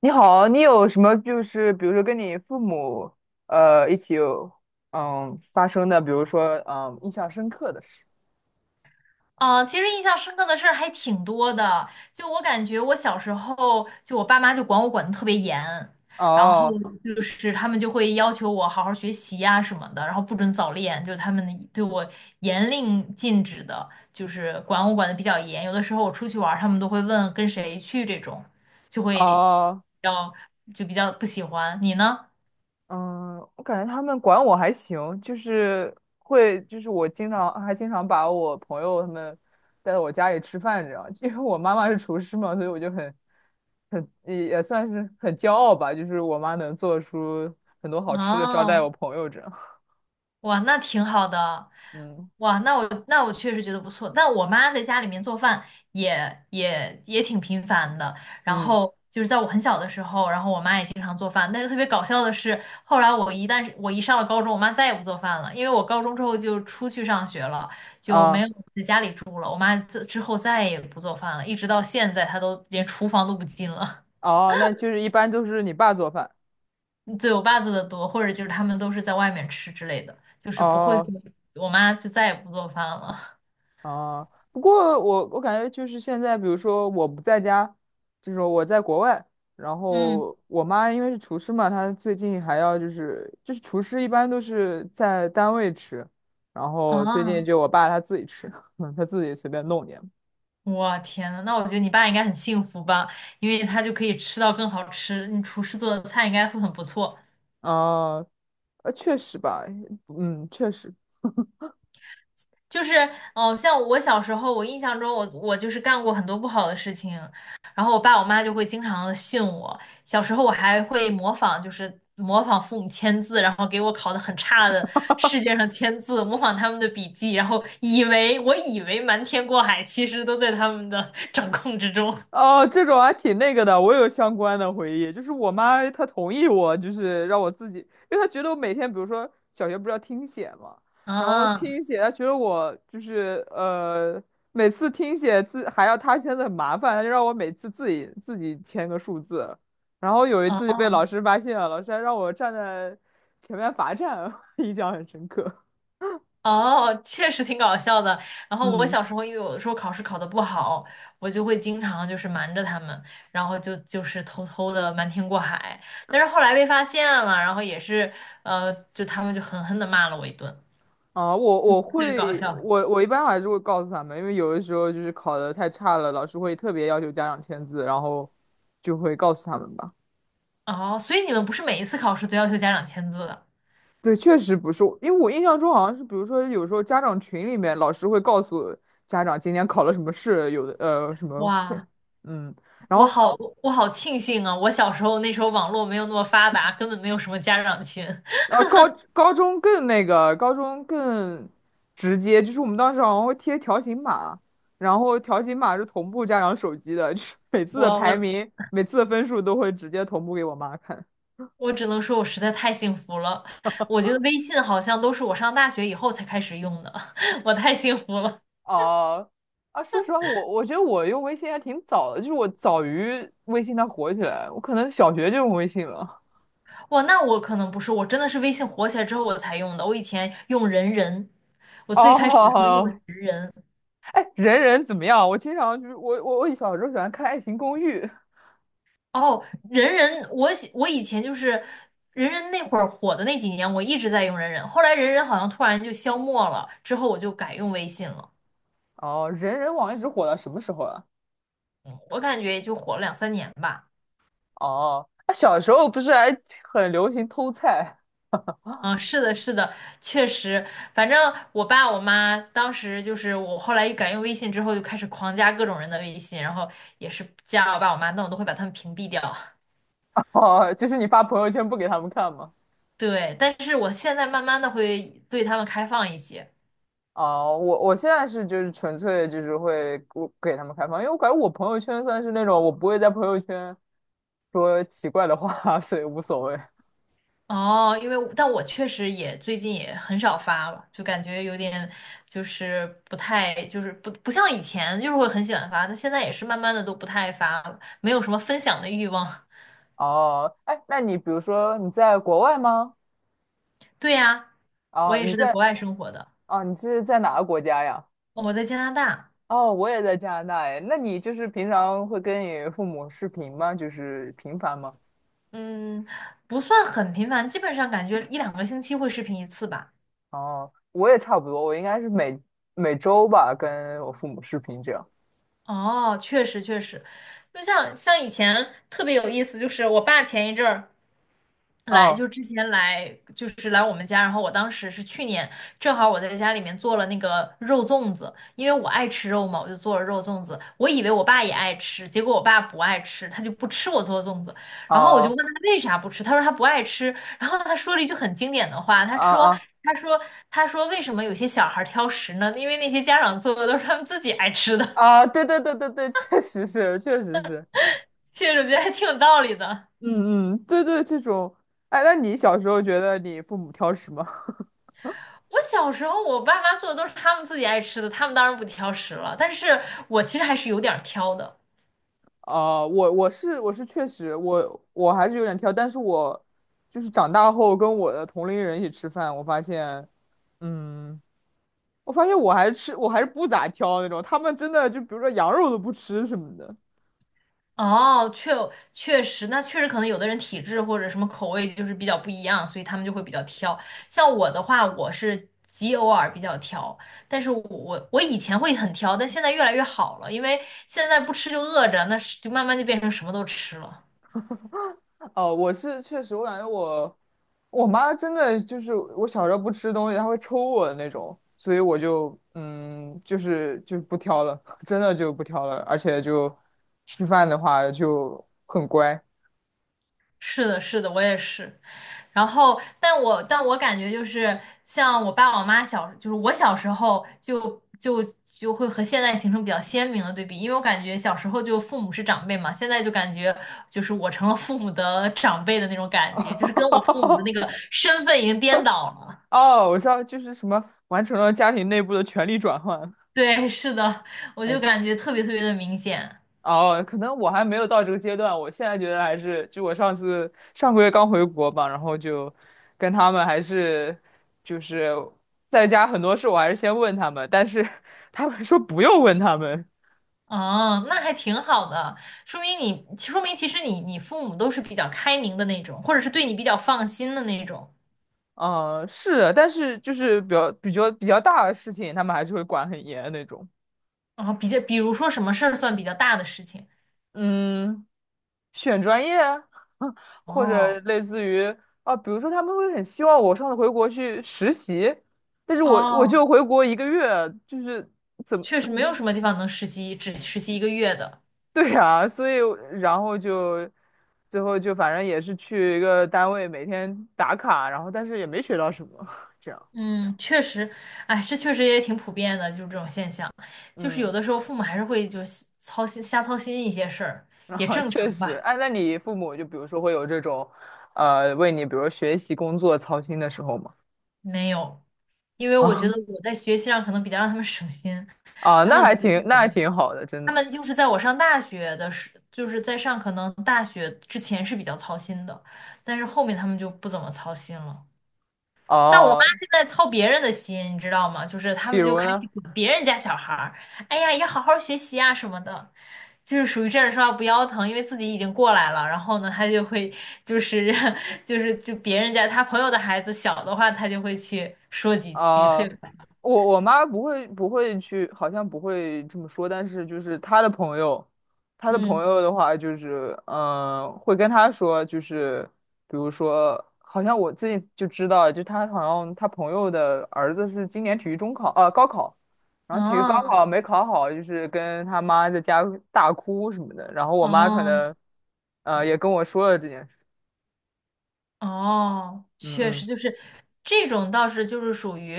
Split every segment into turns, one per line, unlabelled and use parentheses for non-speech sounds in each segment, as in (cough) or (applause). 你好，你有什么就是比如说跟你父母一起有发生的，比如说印象深刻的事？
啊、其实印象深刻的事儿还挺多的。就我感觉，我小时候就我爸妈就管我管得特别严，然后
哦。
就是他们就会要求我好好学习呀、什么的，然后不准早恋，就他们对我严令禁止的，就是管我管得比较严。有的时候我出去玩儿，他们都会问跟谁去这种，就会比
哦，
较就比较不喜欢。你呢？
嗯，我感觉他们管我还行，就是会就是我经常还经常把我朋友他们带到我家里吃饭这样，(laughs) 因为我妈妈是厨师嘛，所以我就很，也算是很骄傲吧，就是我妈能做出很多好吃的招待
哦。
我朋友这样，
哇，那挺好的。
嗯
哇，那我确实觉得不错。但我妈在家里面做饭也挺频繁的。然
嗯
后就是在我很小的时候，然后我妈也经常做饭。但是特别搞笑的是，后来我一上了高中，我妈再也不做饭了，因为我高中之后就出去上学了，就没
啊。
有自己住了。我妈之后再也不做饭了，一直到现在她都连厨房都不进了。
哦，那就是一般都是你爸做饭。
(laughs) 对，我爸做的多，或者就是他们都是在外面吃之类的，就是不会
哦。
说我妈就再也不做饭了。
哦，不过我感觉就是现在，比如说我不在家，就是我在国外，然
嗯。
后我妈因为是厨师嘛，她最近还要就是厨师一般都是在单位吃，然后最近
啊，
就我爸他自己吃，(laughs) 他自己随便弄点。
我天呐，那我觉得你爸应该很幸福吧，因为他就可以吃到更好吃，你厨师做的菜应该会很不错。
啊，确实吧，嗯，确实。
就是，哦，像我小时候，我印象中我就是干过很多不好的事情，然后我爸我妈就会经常的训我。小时候我还会模仿，就是模仿父母签字，然后给我考的很差的试卷上签字，模仿他们的笔记，然后以为瞒天过海，其实都在他们的掌控之中。
哦，这种还挺那个的，我有相关的回忆，就是我妈她同意我，就是让我自己，因为她觉得我每天，比如说小学不是要听写嘛，然后
啊，
听写，她觉得我每次听写字还要她签字很麻烦，她就让我每次自己签个数字，然后有一次就被老
哦。
师发现了，老师还让我站在前面罚站，(laughs) 印象很深刻。
哦，确实挺搞笑的。然后我
嗯。
小时候，因为有的时候考试考得不好，我就会经常就是瞒着他们，然后就是偷偷的瞒天过海。但是后来被发现了，然后也是就他们就狠狠的骂了我一顿，
啊，我
特
我
别搞
会，
笑。
我一般还是会告诉他们，因为有的时候就是考的太差了，老师会特别要求家长签字，然后就会告诉他们吧。
哦，所以你们不是每一次考试都要求家长签字的？
对，确实不是，我因为我印象中好像是，比如说有时候家长群里面，老师会告诉家长今天考了什么试，有的什么现，
哇，
嗯，然
我
后
好我好庆幸啊！我小时候那时候网络没有那么发达，根本没有什么家长群。
呃，高高中更那个，高中更直接，就是我们当时好像会贴条形码，然后条形码是同步家长手机的，就是 (laughs) 每次的
我
排
我
名、每次的分数都会直接同步给我妈看。
我只能说，我实在太幸福了。我觉得微信好像都是我上大学以后才开始用的，(laughs) 我太幸福了。
哦，啊，说实话，我觉得我用微信还挺早的，就是我早于微信它火起来，我可能小学就用微信了。
哇，那我可能不是，我真的是微信火起来之后我才用的。我以前用人人，我
(laughs)
最开始的时候用的是
哦，
人人。
哎，人人怎么样？我经常就是我小时候喜欢看《爱情公寓》，
哦，人人，我以前就是人人那会儿火的那几年，我一直在用人人。后来人人好像突然就消没了，之后我就改用微信了。
哦，人人网一直火到什么时候啊？
我感觉也就火了两三年吧。
哦，那小时候不是还很流行偷菜？
嗯，是的，是的，确实，反正我爸我妈当时就是我后来一改用微信之后，就开始狂加各种人的微信，然后也是加我爸我妈，但我都会把他们屏蔽掉。
(laughs) 哦，就是你发朋友圈不给他们看吗？
(laughs) 对，但是我现在慢慢的会对他们开放一些。
哦，我我现在是就是纯粹就是会我给他们开放，因为我感觉我朋友圈算是那种我不会在朋友圈说奇怪的话，(laughs) 所以无所谓。
哦，因为我但我确实也最近也很少发了，就感觉有点就是不太就是不不像以前就是会很喜欢发，但现在也是慢慢的都不太发了，没有什么分享的欲望。
哦，哎，那你比如说你在国外吗？
(laughs) 对呀，我
哦，
也
你
是在
在。
国外生活的。
哦，你是在哪个国家呀？
我在加拿大。
哦，我也在加拿大哎。那你就是平常会跟你父母视频吗？就是频繁吗？
嗯，不算很频繁，基本上感觉一两个星期会视频一次吧。
哦，我也差不多，我应该是每周吧，跟我父母视频这样。
哦，确实确实，就像以前特别有意思，就是我爸前一阵儿来，
嗯，
就之前来，就是来我们家，然后我当时是去年，正好我在家里面做了那个肉粽子，因为我爱吃肉嘛，我就做了肉粽子。我以为我爸也爱吃，结果我爸不爱吃，他就不吃我做的粽子。然后我就问
好，
他为啥不吃，他说他不爱吃。然后他说了一句很经典的话，
啊啊
他说，他说为什么有些小孩挑食呢？因为那些家长做的都是他们自己爱吃的。
啊，对对对对对，确实是，确实是，
(laughs) 确实我觉得还挺有道理的。
嗯嗯，对对，这种，哎，那你小时候觉得你父母挑食吗？(laughs)
我小时候，我爸妈做的都是他们自己爱吃的，他们当然不挑食了。但是我其实还是有点儿挑的。
啊、我我是我是确实，我还是有点挑，但是我就是长大后跟我的同龄人一起吃饭，我发现，嗯，我发现我还是吃，我还是不咋挑那种，他们真的就比如说羊肉都不吃什么的。
哦，确实，那确实可能有的人体质或者什么口味就是比较不一样，所以他们就会比较挑。像我的话，我是极偶尔比较挑，但是我以前会很挑，但现在越来越好了，因为现在不吃就饿着，那是就慢慢就变成什么都吃了。
哦，我是确实，我感觉我妈真的就是我小时候不吃东西，她会抽我的那种，所以我就嗯，就不挑了，(laughs) 真的就不挑了，而且就吃饭的话就很乖。
是的，是的，我也是。然后，但我感觉就是像我爸我妈小，就是我小时候就就会和现在形成比较鲜明的对比，因为我感觉小时候就父母是长辈嘛，现在就感觉就是我成了父母的长辈的那种感觉，就是跟我父母的那个
(laughs)
身份已经颠倒了。
哦，我知道，就是什么完成了家庭内部的权力转换。
对，是的，
(laughs)
我就
哎，
感觉特别特别的明显。
哦，可能我还没有到这个阶段，我现在觉得还是，就我上次上个月刚回国吧，然后就跟他们还是就是在家很多事我还是先问他们，但是他们说不用问他们。
哦，那还挺好的，说明你，说明其实你你父母都是比较开明的那种，或者是对你比较放心的那种。
嗯，是的，但是就是比较大的事情，他们还是会管很严的那种。
哦，比较，比如说什么事儿算比较大的事情？
嗯，选专业啊，(laughs) 或者
哦
类似于啊，比如说他们会很希望我上次回国去实习，但是我
哦，
就回国一个月，就是怎么，(laughs)
确实没有
嗯。
什么地方能实习，只实习一个月的。
对啊，所以然后就最后就反正也是去一个单位每天打卡，然后但是也没学到什么，(laughs) 这样，
嗯，确实，哎，这确实也挺普遍的，就是这种现象，就是有
嗯，
的时候父母还是会就是操心瞎操心一些事儿，
然
也
后
正
确
常
实，
吧。
哎，那你父母就比如说会有这种，为你比如学习工作操心的时候吗？
没有，因为
(laughs)
我觉
啊。
得我在学习上可能比较让他们省心，
啊，
他
那
们
还
不太
挺那还
懂，
挺好的，真
他
的。
们就是在我上大学的时，就是在上可能大学之前是比较操心的，但是后面他们就不怎么操心了。但我妈
哦，
现在操别人的心，你知道吗？就是他
比
们就
如
开始
呢，
管别人家小孩儿，哎呀，要好好学习啊什么的，就是属于站着说话不腰疼，因为自己已经过来了。然后呢，他就会就是 (laughs) 就是就别人家他朋友的孩子小的话，他就会去说几句
啊、
退回
我妈不会去，好像不会这么说，但是就是她的朋友，她的朋
嗯，
友的话，就是会跟她说，就是比如说，好像我最近就知道，就她好像她朋友的儿子是今年体育中考，高考，然后体育高
哦
考没考好，就是跟他妈在家大哭什么的，然后我妈可
哦
能，也跟我说了这件事，
哦，
嗯
确
嗯。
实就是这种倒是就是属于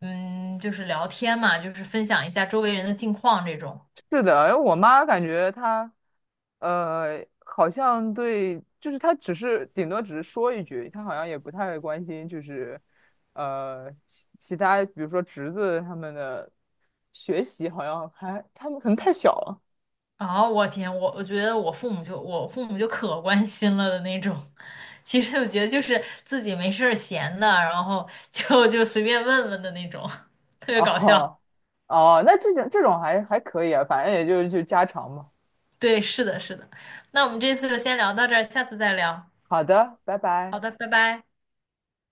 嗯，就是聊天嘛，就是分享一下周围人的近况这种。
是的，因为我妈感觉她，好像对，就是她只是顶多只是说一句，她好像也不太关心，就是，其他，比如说侄子他们的学习，好像还他们可能太小了。
哦，我天，我觉得我父母就可关心了的那种。(laughs) 其实我觉得就是自己没事儿闲的，然后 (laughs) 就随便问问的那种，(laughs) 特别搞笑。
哦，哦，那这种还可以啊，反正也就是就家常嘛。
对，是的，是的。那我们这次就先聊到这儿，下次再聊。
好的，拜拜。
好的，拜拜。